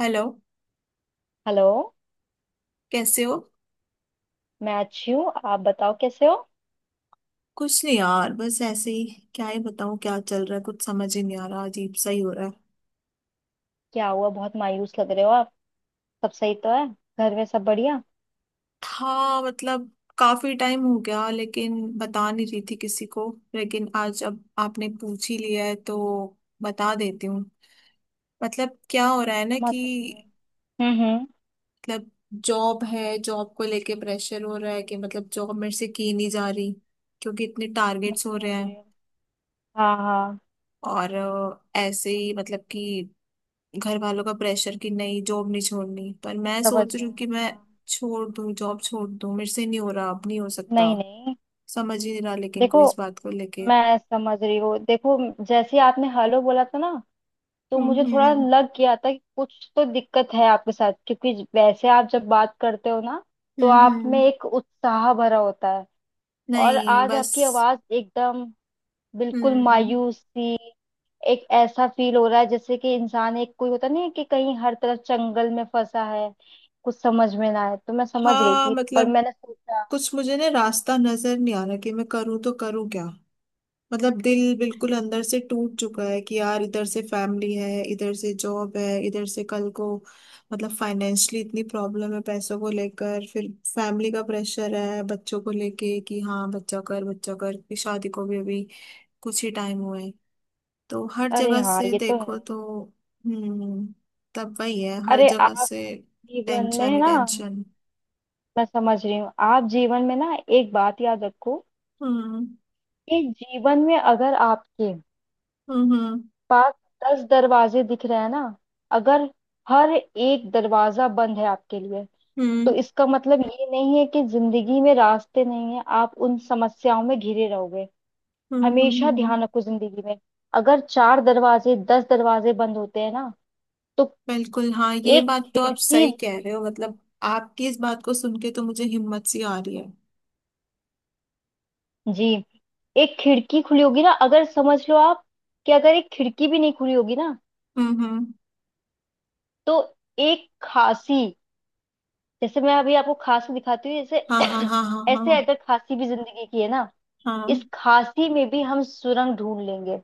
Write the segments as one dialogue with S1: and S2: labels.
S1: Hello.
S2: Hello.
S1: कैसे हो?
S2: मैं अच्छी हूँ, आप बताओ कैसे हो।
S1: कुछ नहीं यार, बस ऐसे ही। क्या ही बताऊं, क्या चल रहा है, कुछ समझ ही नहीं आ रहा, अजीब सा ही हो रहा है।
S2: क्या हुआ, बहुत मायूस लग रहे हो आप। सब सही तो है? घर में सब बढ़िया?
S1: था मतलब काफी टाइम हो गया लेकिन बता नहीं रही थी किसी को, लेकिन आज अब आपने पूछ ही लिया है तो बता देती हूँ। मतलब क्या हो रहा है ना
S2: समझ
S1: कि
S2: सकती हूँ। हम्म।
S1: मतलब जॉब है, जॉब को लेके प्रेशर हो रहा है कि मतलब जॉब मेरे से की नहीं जा रही क्योंकि इतने
S2: मैं
S1: टारगेट्स हो रहे
S2: समझ रही
S1: हैं।
S2: हूँ। हाँ हाँ।
S1: और ऐसे ही मतलब कि घर वालों का प्रेशर कि नहीं जॉब नहीं छोड़नी, पर मैं
S2: समझ
S1: सोच रही
S2: रहे
S1: हूँ
S2: हैं,
S1: कि मैं
S2: हाँ।
S1: छोड़ दूँ, जॉब छोड़ दूँ, मेरे से नहीं हो रहा, अब नहीं हो सकता,
S2: नहीं नहीं।
S1: समझ ही नहीं रहा लेकिन
S2: देखो,
S1: कोई इस बात को लेके।
S2: मैं समझ रही हूँ, देखो। जैसे आपने हेलो बोला था ना, तो मुझे थोड़ा
S1: हम्म।
S2: लग गया था कि कुछ तो दिक्कत है आपके साथ, क्योंकि वैसे आप जब बात करते हो ना, तो
S1: हम्म
S2: आप में
S1: हम्म,
S2: एक उत्साह भरा होता है। और
S1: नहीं
S2: आज
S1: बस।
S2: आपकी आवाज एकदम बिल्कुल
S1: हम्म।
S2: मायूस सी। एक ऐसा फील हो रहा है जैसे कि इंसान एक कोई होता नहीं है, कि कहीं हर तरफ जंगल में फंसा है, कुछ समझ में ना आए। तो मैं समझ गई
S1: हाँ
S2: थी, पर
S1: मतलब
S2: मैंने सोचा।
S1: कुछ मुझे ना रास्ता नजर नहीं आ रहा कि मैं करूँ तो करूँ क्या। मतलब दिल बिल्कुल अंदर से टूट चुका है कि यार इधर से फैमिली है, इधर से जॉब है, इधर से कल को मतलब फाइनेंशियली इतनी प्रॉब्लम है पैसों को लेकर, फिर फैमिली का प्रेशर है बच्चों को लेके कि हाँ बच्चा कर बच्चा कर, कि शादी को भी अभी कुछ ही टाइम हुआ है। तो हर
S2: अरे
S1: जगह
S2: हाँ,
S1: से
S2: ये तो
S1: देखो
S2: है।
S1: तो। हम्म। तब वही है, हर
S2: अरे
S1: जगह
S2: आप
S1: से
S2: जीवन
S1: टेंशन
S2: में
S1: ही
S2: ना,
S1: टेंशन।
S2: मैं समझ रही हूँ। आप जीवन में ना एक बात याद रखो,
S1: हम्म
S2: कि जीवन में अगर आपके
S1: हम्म हम्म
S2: पास 10 दरवाजे दिख रहे हैं ना, अगर हर एक दरवाजा बंद है आपके लिए, तो
S1: हम्म
S2: इसका मतलब ये नहीं है कि जिंदगी में रास्ते नहीं है, आप उन समस्याओं में घिरे रहोगे।
S1: हम्म।
S2: हमेशा ध्यान रखो जिंदगी में, अगर चार दरवाजे 10 दरवाजे बंद होते हैं ना, तो
S1: बिल्कुल हाँ, ये
S2: एक
S1: बात तो आप
S2: खिड़की।
S1: सही कह रहे हो। मतलब आपकी इस बात को सुन के तो मुझे हिम्मत सी आ रही है।
S2: जी, एक खिड़की खुली होगी ना, अगर समझ लो आप। कि अगर एक खिड़की भी नहीं खुली होगी ना,
S1: हम्म।
S2: तो एक खांसी। जैसे मैं अभी आपको खांसी दिखाती हूँ,
S1: हाँ हाँ
S2: जैसे
S1: हाँ हाँ हाँ।
S2: ऐसे, अगर खांसी भी जिंदगी की है ना,
S1: हाँ।
S2: इस खांसी में भी हम सुरंग ढूंढ लेंगे।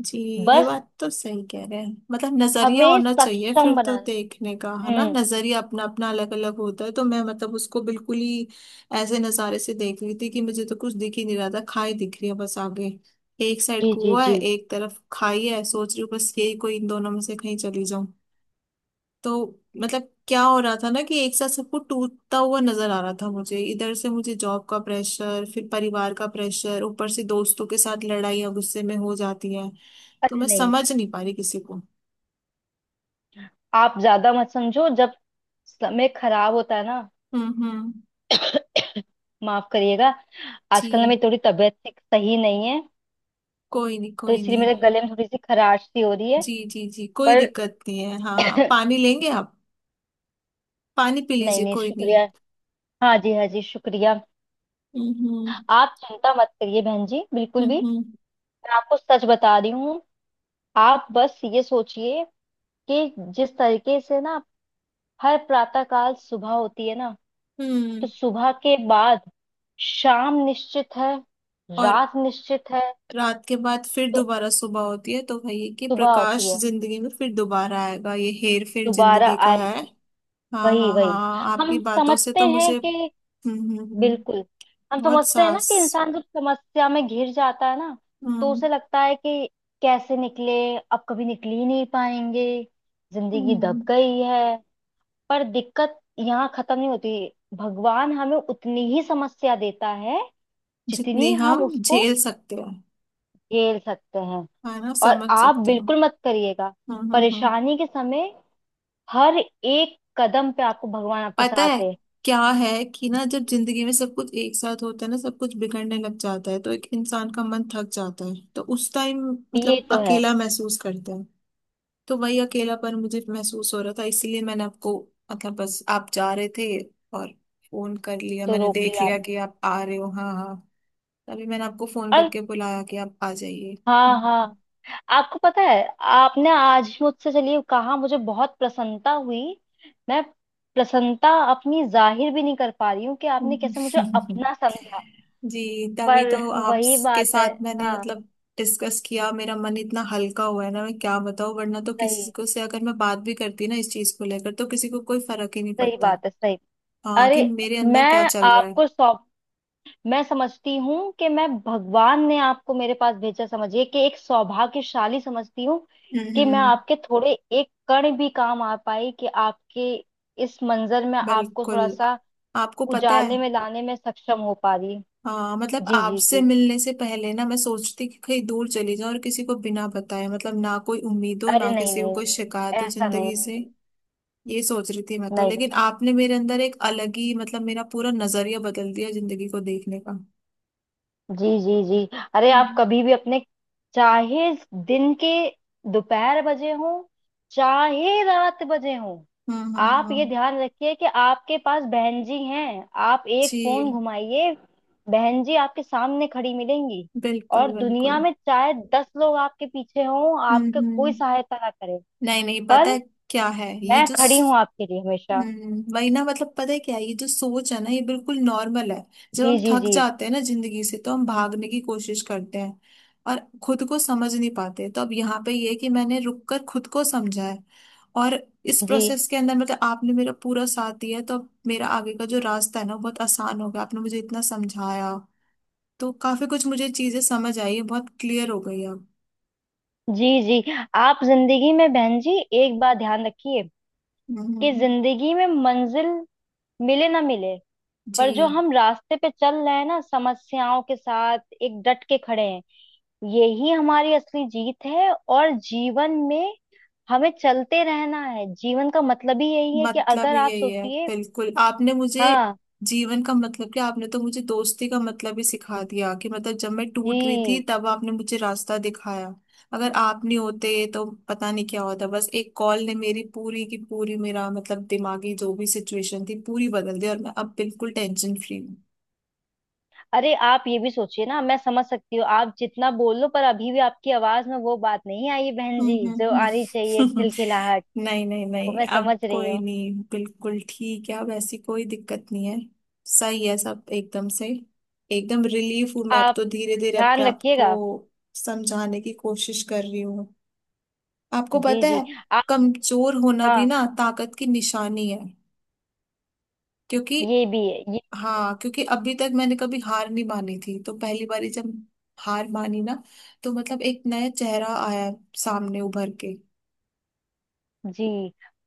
S1: जी। ये
S2: बस
S1: बात तो सही कह रहे हैं। मतलब नजरिया
S2: हमें
S1: होना चाहिए
S2: सक्षम
S1: फिर तो,
S2: बनाना।
S1: देखने का है ना,
S2: हम्म।
S1: नजरिया अपना अपना अलग अलग होता है, तो मैं मतलब उसको बिल्कुल ही ऐसे नजारे से देख रही थी कि मुझे तो कुछ दिख ही नहीं रहा था, खाई दिख रही है बस आगे। एक साइड
S2: जी जी
S1: कुआ है,
S2: जी।
S1: एक तरफ खाई है, सोच रही हूँ बस यही कोई इन दोनों में से कहीं चली। तो मतलब क्या हो रहा था ना कि एक साथ सबको टूटता हुआ नजर आ रहा था मुझे, इधर से मुझे जॉब का प्रेशर, फिर परिवार का प्रेशर, ऊपर से दोस्तों के साथ लड़ाइयाँ गुस्से में हो जाती है, तो
S2: अरे
S1: मैं
S2: नहीं नहीं,
S1: समझ नहीं पा रही किसी को।
S2: आप ज्यादा मत समझो। जब समय खराब होता है ना,
S1: हम्म।
S2: माफ करिएगा,
S1: जी,
S2: आजकल ना मेरी थोड़ी तबीयत सही नहीं है,
S1: कोई नहीं
S2: तो
S1: कोई
S2: इसलिए
S1: नहीं।
S2: मेरे गले में थोड़ी सी खराश सी हो रही है।
S1: जी जी जी, कोई
S2: पर
S1: दिक्कत नहीं है, हाँ पानी लेंगे आप? पानी पी
S2: नहीं
S1: लीजिए,
S2: नहीं,
S1: कोई नहीं।
S2: शुक्रिया। हाँ जी हाँ जी, शुक्रिया।
S1: हम्म।
S2: आप चिंता मत करिए बहन जी, बिल्कुल भी।
S1: हम्म
S2: मैं आपको सच बता रही हूँ। आप बस ये सोचिए, कि जिस तरीके से ना हर प्रातः काल सुबह होती है ना,
S1: हम्म
S2: तो
S1: हम्म।
S2: सुबह के बाद शाम निश्चित है,
S1: और
S2: रात निश्चित है।
S1: रात के बाद फिर
S2: तो
S1: दोबारा सुबह होती है, तो वही है कि
S2: सुबह होती
S1: प्रकाश
S2: है,
S1: जिंदगी में फिर दोबारा आएगा, ये हेर फेर
S2: दोबारा
S1: जिंदगी का है।
S2: आएगा।
S1: हाँ
S2: वही
S1: हाँ
S2: वही।
S1: हाँ, आपकी
S2: हम
S1: बातों से
S2: समझते
S1: तो
S2: हैं
S1: मुझे।
S2: कि
S1: हम्म हम्म, हम्म,
S2: बिल्कुल, हम
S1: बहुत
S2: समझते हैं ना,
S1: सांस।
S2: कि इंसान जब समस्या में घिर जाता है ना, तो
S1: हम्म
S2: उसे लगता है कि कैसे निकले, अब कभी निकल ही नहीं पाएंगे, जिंदगी
S1: हम्म,
S2: दब गई है। पर दिक्कत यहाँ खत्म नहीं होती। भगवान हमें उतनी ही समस्या देता है
S1: जितनी
S2: जितनी हम
S1: हम
S2: उसको
S1: झेल सकते हैं,
S2: झेल सकते हैं।
S1: है ना,
S2: और
S1: समझ
S2: आप
S1: सकते हो।
S2: बिल्कुल मत करिएगा,
S1: हम्म हम्म हम्म।
S2: परेशानी के समय हर एक कदम पे आपको भगवान आपके
S1: पता
S2: साथ
S1: है
S2: है।
S1: क्या है कि ना जब जिंदगी में सब कुछ एक साथ होता है ना, सब कुछ बिगड़ने लग जाता है, तो एक इंसान का मन थक जाता है, तो उस टाइम
S2: ये
S1: मतलब
S2: तो है।
S1: अकेला महसूस करता है। तो वही अकेलापन मुझे महसूस हो रहा था, इसीलिए मैंने आपको मतलब बस आप जा रहे थे और फोन कर लिया,
S2: तो
S1: मैंने
S2: रोक
S1: देख
S2: लिया
S1: लिया
S2: आपने
S1: कि आप आ रहे हो, हाँ हाँ, तभी मैंने आपको फोन
S2: और।
S1: करके बुलाया कि आप आ जाइए।
S2: हाँ
S1: हम्म।
S2: हाँ। आपको पता है, आपने आज मुझसे चलिए कहा, मुझे बहुत प्रसन्नता हुई। मैं प्रसन्नता अपनी जाहिर भी नहीं कर पा रही हूँ कि आपने कैसे मुझे अपना समझा।
S1: जी तभी
S2: पर
S1: तो
S2: वही
S1: आपके
S2: बात है,
S1: साथ मैंने
S2: हाँ।
S1: मतलब डिस्कस किया, मेरा मन इतना हल्का हुआ है ना, मैं क्या बताऊं, वरना तो किसी
S2: सही,
S1: को से अगर मैं बात भी करती ना इस चीज को लेकर, तो किसी को कोई फर्क ही नहीं
S2: सही
S1: पड़ता,
S2: बात है, सही।
S1: हाँ
S2: अरे,
S1: कि मेरे अंदर क्या
S2: मैं
S1: चल रहा है।
S2: आपको सौ मैं समझती हूँ कि मैं, भगवान ने आपको मेरे पास भेजा, समझिए कि एक सौभाग्यशाली समझती हूँ कि मैं
S1: हम्म।
S2: आपके थोड़े एक कण भी काम आ पाई, कि आपके इस मंजर में आपको
S1: बिल्कुल,
S2: थोड़ा सा
S1: आपको पता है,
S2: उजाले में लाने में सक्षम हो पा रही।
S1: हाँ मतलब
S2: जी जी
S1: आपसे
S2: जी।
S1: मिलने से पहले ना मैं सोचती कि कहीं दूर चली जाऊं और किसी को बिना बताए, मतलब ना कोई उम्मीद हो
S2: अरे
S1: ना
S2: नहीं
S1: किसी
S2: नहीं
S1: को
S2: नहीं
S1: कोई शिकायत
S2: नहीं,
S1: हो
S2: ऐसा नहीं।
S1: जिंदगी से,
S2: नहीं
S1: ये सोच रही थी मैं तो,
S2: नहीं नहीं।
S1: लेकिन आपने मेरे अंदर एक अलग ही मतलब मेरा पूरा नजरिया बदल दिया जिंदगी को देखने का।
S2: जी जी जी। अरे आप
S1: हम्म
S2: कभी भी अपने, चाहे दिन के दोपहर बजे हो, चाहे रात बजे हो,
S1: हम्म हम्म,
S2: आप ये
S1: हम्म,
S2: ध्यान रखिए कि आपके पास बहन जी हैं, आप एक फोन
S1: जी।
S2: घुमाइए, बहन जी आपके सामने खड़ी मिलेंगी।
S1: बिल्कुल
S2: और
S1: बिल्कुल।
S2: दुनिया में चाहे 10 लोग आपके पीछे हों, आपके कोई
S1: हम्म।
S2: सहायता ना करे,
S1: नहीं नहीं पता है,
S2: पर
S1: क्या है ये
S2: मैं
S1: जो
S2: खड़ी हूँ
S1: स-।
S2: आपके लिए हमेशा।
S1: हम्म, वही ना, मतलब पता है क्या है, ये जो सोच है ना ये बिल्कुल नॉर्मल है। जब
S2: जी
S1: हम
S2: जी
S1: थक
S2: जी।
S1: जाते हैं ना जिंदगी से, तो हम भागने की कोशिश करते हैं और खुद को समझ नहीं पाते, तो अब यहाँ पे ये है कि मैंने रुक कर खुद को समझा है, और इस
S2: जी
S1: प्रोसेस के अंदर मतलब आपने मेरा पूरा साथ दिया है, तो अब मेरा आगे का जो रास्ता है ना वो बहुत आसान हो गया, आपने मुझे इतना समझाया, तो काफी कुछ मुझे चीजें समझ आई है, बहुत क्लियर हो गई अब।
S2: जी जी। आप जिंदगी में बहन जी एक बात ध्यान रखिए, कि
S1: हम्म।
S2: जिंदगी में मंजिल मिले ना मिले,
S1: जी,
S2: पर जो हम रास्ते पे चल रहे हैं ना समस्याओं के साथ, एक डट के खड़े हैं, यही हमारी असली जीत है। और जीवन में हमें चलते रहना है, जीवन का मतलब ही यही है। कि
S1: मतलब
S2: अगर आप
S1: यही है,
S2: सोचिए।
S1: बिल्कुल आपने मुझे
S2: हाँ।
S1: जीवन का मतलब क्या, आपने तो मुझे दोस्ती का मतलब ही सिखा दिया कि मतलब जब मैं टूट रही थी
S2: जी।
S1: तब आपने मुझे रास्ता दिखाया, अगर आप नहीं होते तो पता नहीं क्या होता, बस एक कॉल ने मेरी पूरी की पूरी, मेरा मतलब दिमागी जो भी सिचुएशन थी पूरी बदल दी, और मैं अब बिल्कुल टेंशन फ्री हूँ।
S2: अरे आप ये भी सोचिए ना, मैं समझ सकती हूँ, आप जितना बोल लो, पर अभी भी आपकी आवाज में वो बात नहीं आई है बहन जी, जो
S1: हम्म।
S2: आनी चाहिए,
S1: हम्म
S2: खिलखिलाहट।
S1: नहीं नहीं
S2: वो
S1: नहीं,
S2: मैं
S1: अब
S2: समझ रही
S1: कोई
S2: हूँ।
S1: नहीं, बिल्कुल ठीक है, अब ऐसी कोई दिक्कत नहीं है। सही है सब एकदम से, एकदम रिलीफ हूँ मैं, अब
S2: आप
S1: तो धीरे धीरे अपने
S2: ध्यान
S1: आप को
S2: रखिएगा।
S1: समझाने की कोशिश कर रही हूँ। आपको
S2: जी
S1: पता है,
S2: जी। आप,
S1: कमजोर होना भी
S2: हाँ।
S1: ना ताकत की निशानी है, क्योंकि
S2: ये भी है, ये।
S1: हाँ क्योंकि अभी तक मैंने कभी हार नहीं मानी थी, तो पहली बारी जब हार मानी ना तो मतलब एक नया चेहरा आया सामने उभर के।
S2: जी।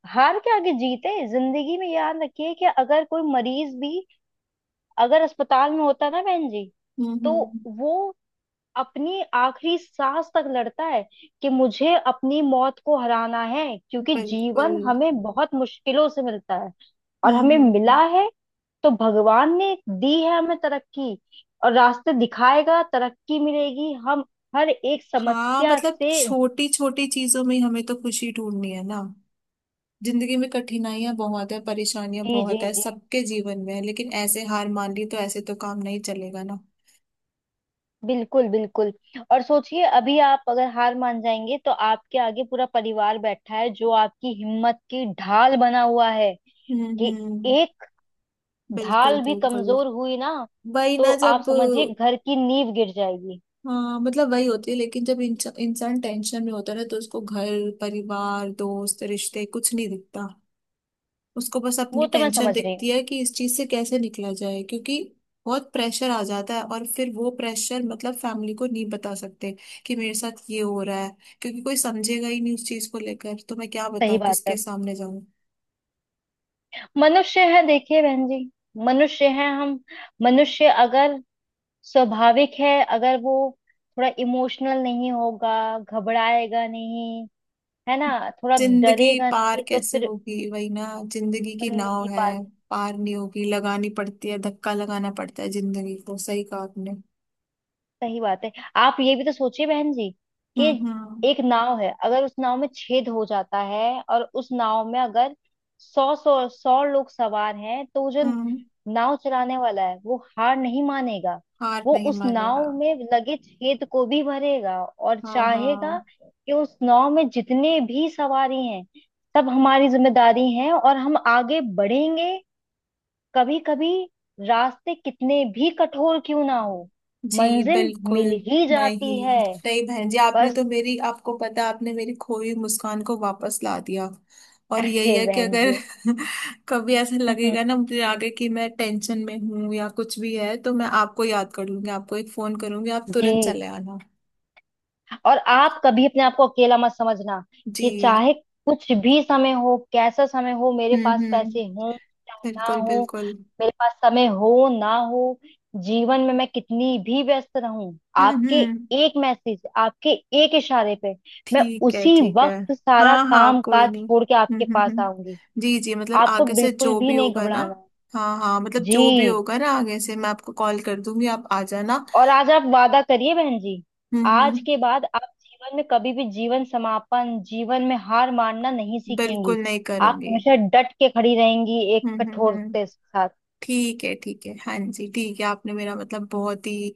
S2: हार के आगे जीत है जिंदगी में, याद रखिए, कि अगर कोई मरीज भी, अगर अस्पताल में होता ना बहन जी, तो
S1: हम्म।
S2: वो अपनी आखिरी सांस तक लड़ता है कि मुझे अपनी मौत को हराना है, क्योंकि
S1: बिल्कुल।
S2: जीवन हमें बहुत मुश्किलों से मिलता है, और हमें
S1: हम्म।
S2: मिला है। तो भगवान ने दी है हमें तरक्की, और रास्ते दिखाएगा, तरक्की मिलेगी हम हर एक
S1: हाँ
S2: समस्या
S1: मतलब
S2: से।
S1: छोटी छोटी चीजों में ही हमें तो खुशी ढूंढनी है ना, जिंदगी में कठिनाइयां बहुत है, परेशानियां
S2: जी जी
S1: बहुत है,
S2: जी,
S1: सबके जीवन में है, लेकिन ऐसे हार मान ली तो ऐसे तो काम नहीं चलेगा ना।
S2: बिल्कुल बिल्कुल। और सोचिए, अभी आप अगर हार मान जाएंगे, तो आपके आगे पूरा परिवार बैठा है जो आपकी हिम्मत की ढाल बना हुआ है। कि
S1: हम्म।
S2: एक
S1: बिल्कुल
S2: ढाल भी
S1: बिल्कुल,
S2: कमजोर हुई ना,
S1: वही
S2: तो
S1: ना
S2: आप
S1: जब।
S2: समझिए घर की नींव गिर जाएगी।
S1: हाँ मतलब वही होती है, लेकिन जब इंसान टेंशन में होता है ना तो उसको घर परिवार दोस्त रिश्ते कुछ नहीं दिखता, उसको बस
S2: वो
S1: अपनी
S2: तो मैं
S1: टेंशन
S2: समझ रही
S1: दिखती
S2: हूँ।
S1: है कि इस चीज से कैसे निकला जाए, क्योंकि बहुत प्रेशर आ जाता है, और फिर वो प्रेशर मतलब फैमिली को नहीं बता सकते कि मेरे साथ ये हो रहा है, क्योंकि कोई समझेगा ही नहीं उस चीज को लेकर, तो मैं क्या
S2: सही
S1: बताऊं,
S2: बात है।
S1: किसके सामने जाऊं?
S2: मनुष्य है देखिए बहन जी, मनुष्य है हम। मनुष्य अगर, स्वाभाविक है, अगर वो थोड़ा इमोशनल नहीं होगा, घबराएगा नहीं, है ना, थोड़ा
S1: जिंदगी
S2: डरेगा
S1: पार
S2: नहीं, तो
S1: कैसे
S2: फिर
S1: होगी, वही ना, जिंदगी की नाव
S2: जिंदगी
S1: है
S2: पाल सकते।
S1: पार नहीं होगी, लगानी पड़ती है, धक्का लगाना पड़ता है जिंदगी को, सही कहा आपने।
S2: सही बात है। आप ये भी तो सोचिए बहन जी, कि
S1: हम्म।
S2: एक नाव है, अगर उस नाव में छेद हो जाता है, और उस नाव में अगर सौ सौ सौ लोग सवार हैं, तो वो जो
S1: हम्म,
S2: नाव चलाने वाला है वो हार नहीं मानेगा।
S1: हार
S2: वो
S1: नहीं
S2: उस
S1: मानेगा।
S2: नाव में लगे छेद को भी भरेगा, और
S1: हाँ
S2: चाहेगा
S1: हाँ।
S2: कि उस नाव में जितने भी सवारी हैं, सब हमारी जिम्मेदारी है, और हम आगे बढ़ेंगे। कभी कभी रास्ते कितने भी कठोर क्यों ना हो,
S1: जी
S2: मंजिल
S1: बिल्कुल।
S2: मिल ही
S1: नहीं
S2: जाती है।
S1: नहीं बहन जी, आपने
S2: बस।
S1: तो मेरी, आपको पता है, आपने मेरी खोई मुस्कान को वापस ला दिया, और यही
S2: अरे
S1: है कि
S2: बहन
S1: अगर
S2: जी।
S1: कभी ऐसा लगेगा ना मुझे आगे कि मैं टेंशन में हूं या कुछ भी है, तो मैं आपको याद कर लूंगी, आपको एक फोन करूंगी, आप तुरंत
S2: जी।
S1: चले आना।
S2: और आप कभी अपने आप को अकेला मत समझना। कि
S1: जी।
S2: चाहे कुछ भी समय हो, कैसा समय हो, मेरे पास
S1: हम्म।
S2: पैसे हो चाहे ना
S1: बिल्कुल
S2: हो,
S1: बिल्कुल।
S2: मेरे पास समय हो ना हो, जीवन में मैं कितनी भी व्यस्त रहूं, आपके
S1: हम्म।
S2: एक मैसेज, आपके एक इशारे पे मैं
S1: ठीक है
S2: उसी
S1: ठीक है।
S2: वक्त सारा
S1: हाँ हाँ,
S2: काम
S1: कोई
S2: काज
S1: नहीं।
S2: छोड़ के आपके पास आऊंगी।
S1: जी जी मतलब
S2: आपको
S1: आगे से
S2: बिल्कुल
S1: जो
S2: भी
S1: भी
S2: नहीं
S1: होगा ना,
S2: घबराना है।
S1: हाँ हाँ मतलब जो भी
S2: जी।
S1: होगा ना आगे से मैं आपको कॉल कर दूंगी, आप आ जाना।
S2: और आज आप वादा करिए बहन जी, आज
S1: हम्म।
S2: के बाद आप जीवन में कभी भी, जीवन समापन, जीवन में हार मानना नहीं सीखेंगी।
S1: बिल्कुल नहीं
S2: आप
S1: करूंगी।
S2: हमेशा डट के खड़ी रहेंगी एक कठोरता
S1: हम्म।
S2: के साथ।
S1: ठीक है ठीक है, हाँ जी ठीक है, आपने मेरा मतलब बहुत ही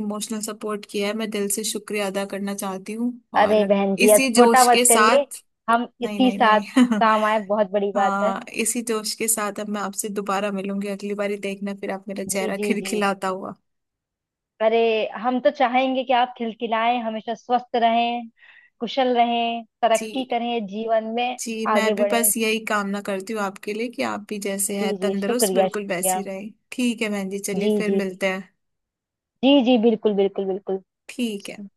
S1: इमोशनल सपोर्ट किया है, मैं दिल से शुक्रिया अदा करना चाहती हूँ,
S2: अरे
S1: और
S2: बहन जी आज
S1: इसी
S2: छोटा
S1: जोश के
S2: मत करिए।
S1: साथ,
S2: हम
S1: नहीं
S2: इसी
S1: नहीं
S2: साथ
S1: नहीं
S2: काम आए, बहुत बड़ी बात है।
S1: हाँ इसी जोश के साथ अब मैं आपसे दोबारा मिलूंगी, अगली बारी देखना फिर आप मेरा
S2: जी
S1: चेहरा
S2: जी जी।
S1: खिलखिलाता हुआ।
S2: अरे, हम तो चाहेंगे कि आप खिलखिलाएं हमेशा, स्वस्थ रहें, कुशल रहें, तरक्की
S1: जी
S2: करें जीवन में,
S1: जी, मैं
S2: आगे
S1: भी बस
S2: बढ़ें।
S1: यही कामना करती हूँ आपके लिए कि आप भी जैसे
S2: जी
S1: हैं
S2: जी,
S1: तंदुरुस्त
S2: शुक्रिया
S1: बिल्कुल वैसी
S2: शुक्रिया।
S1: रहे, ठीक है बहन जी, चलिए
S2: जी
S1: फिर
S2: जी जी।
S1: मिलते हैं,
S2: जी जी, बिल्कुल बिल्कुल बिल्कुल।
S1: ठीक है।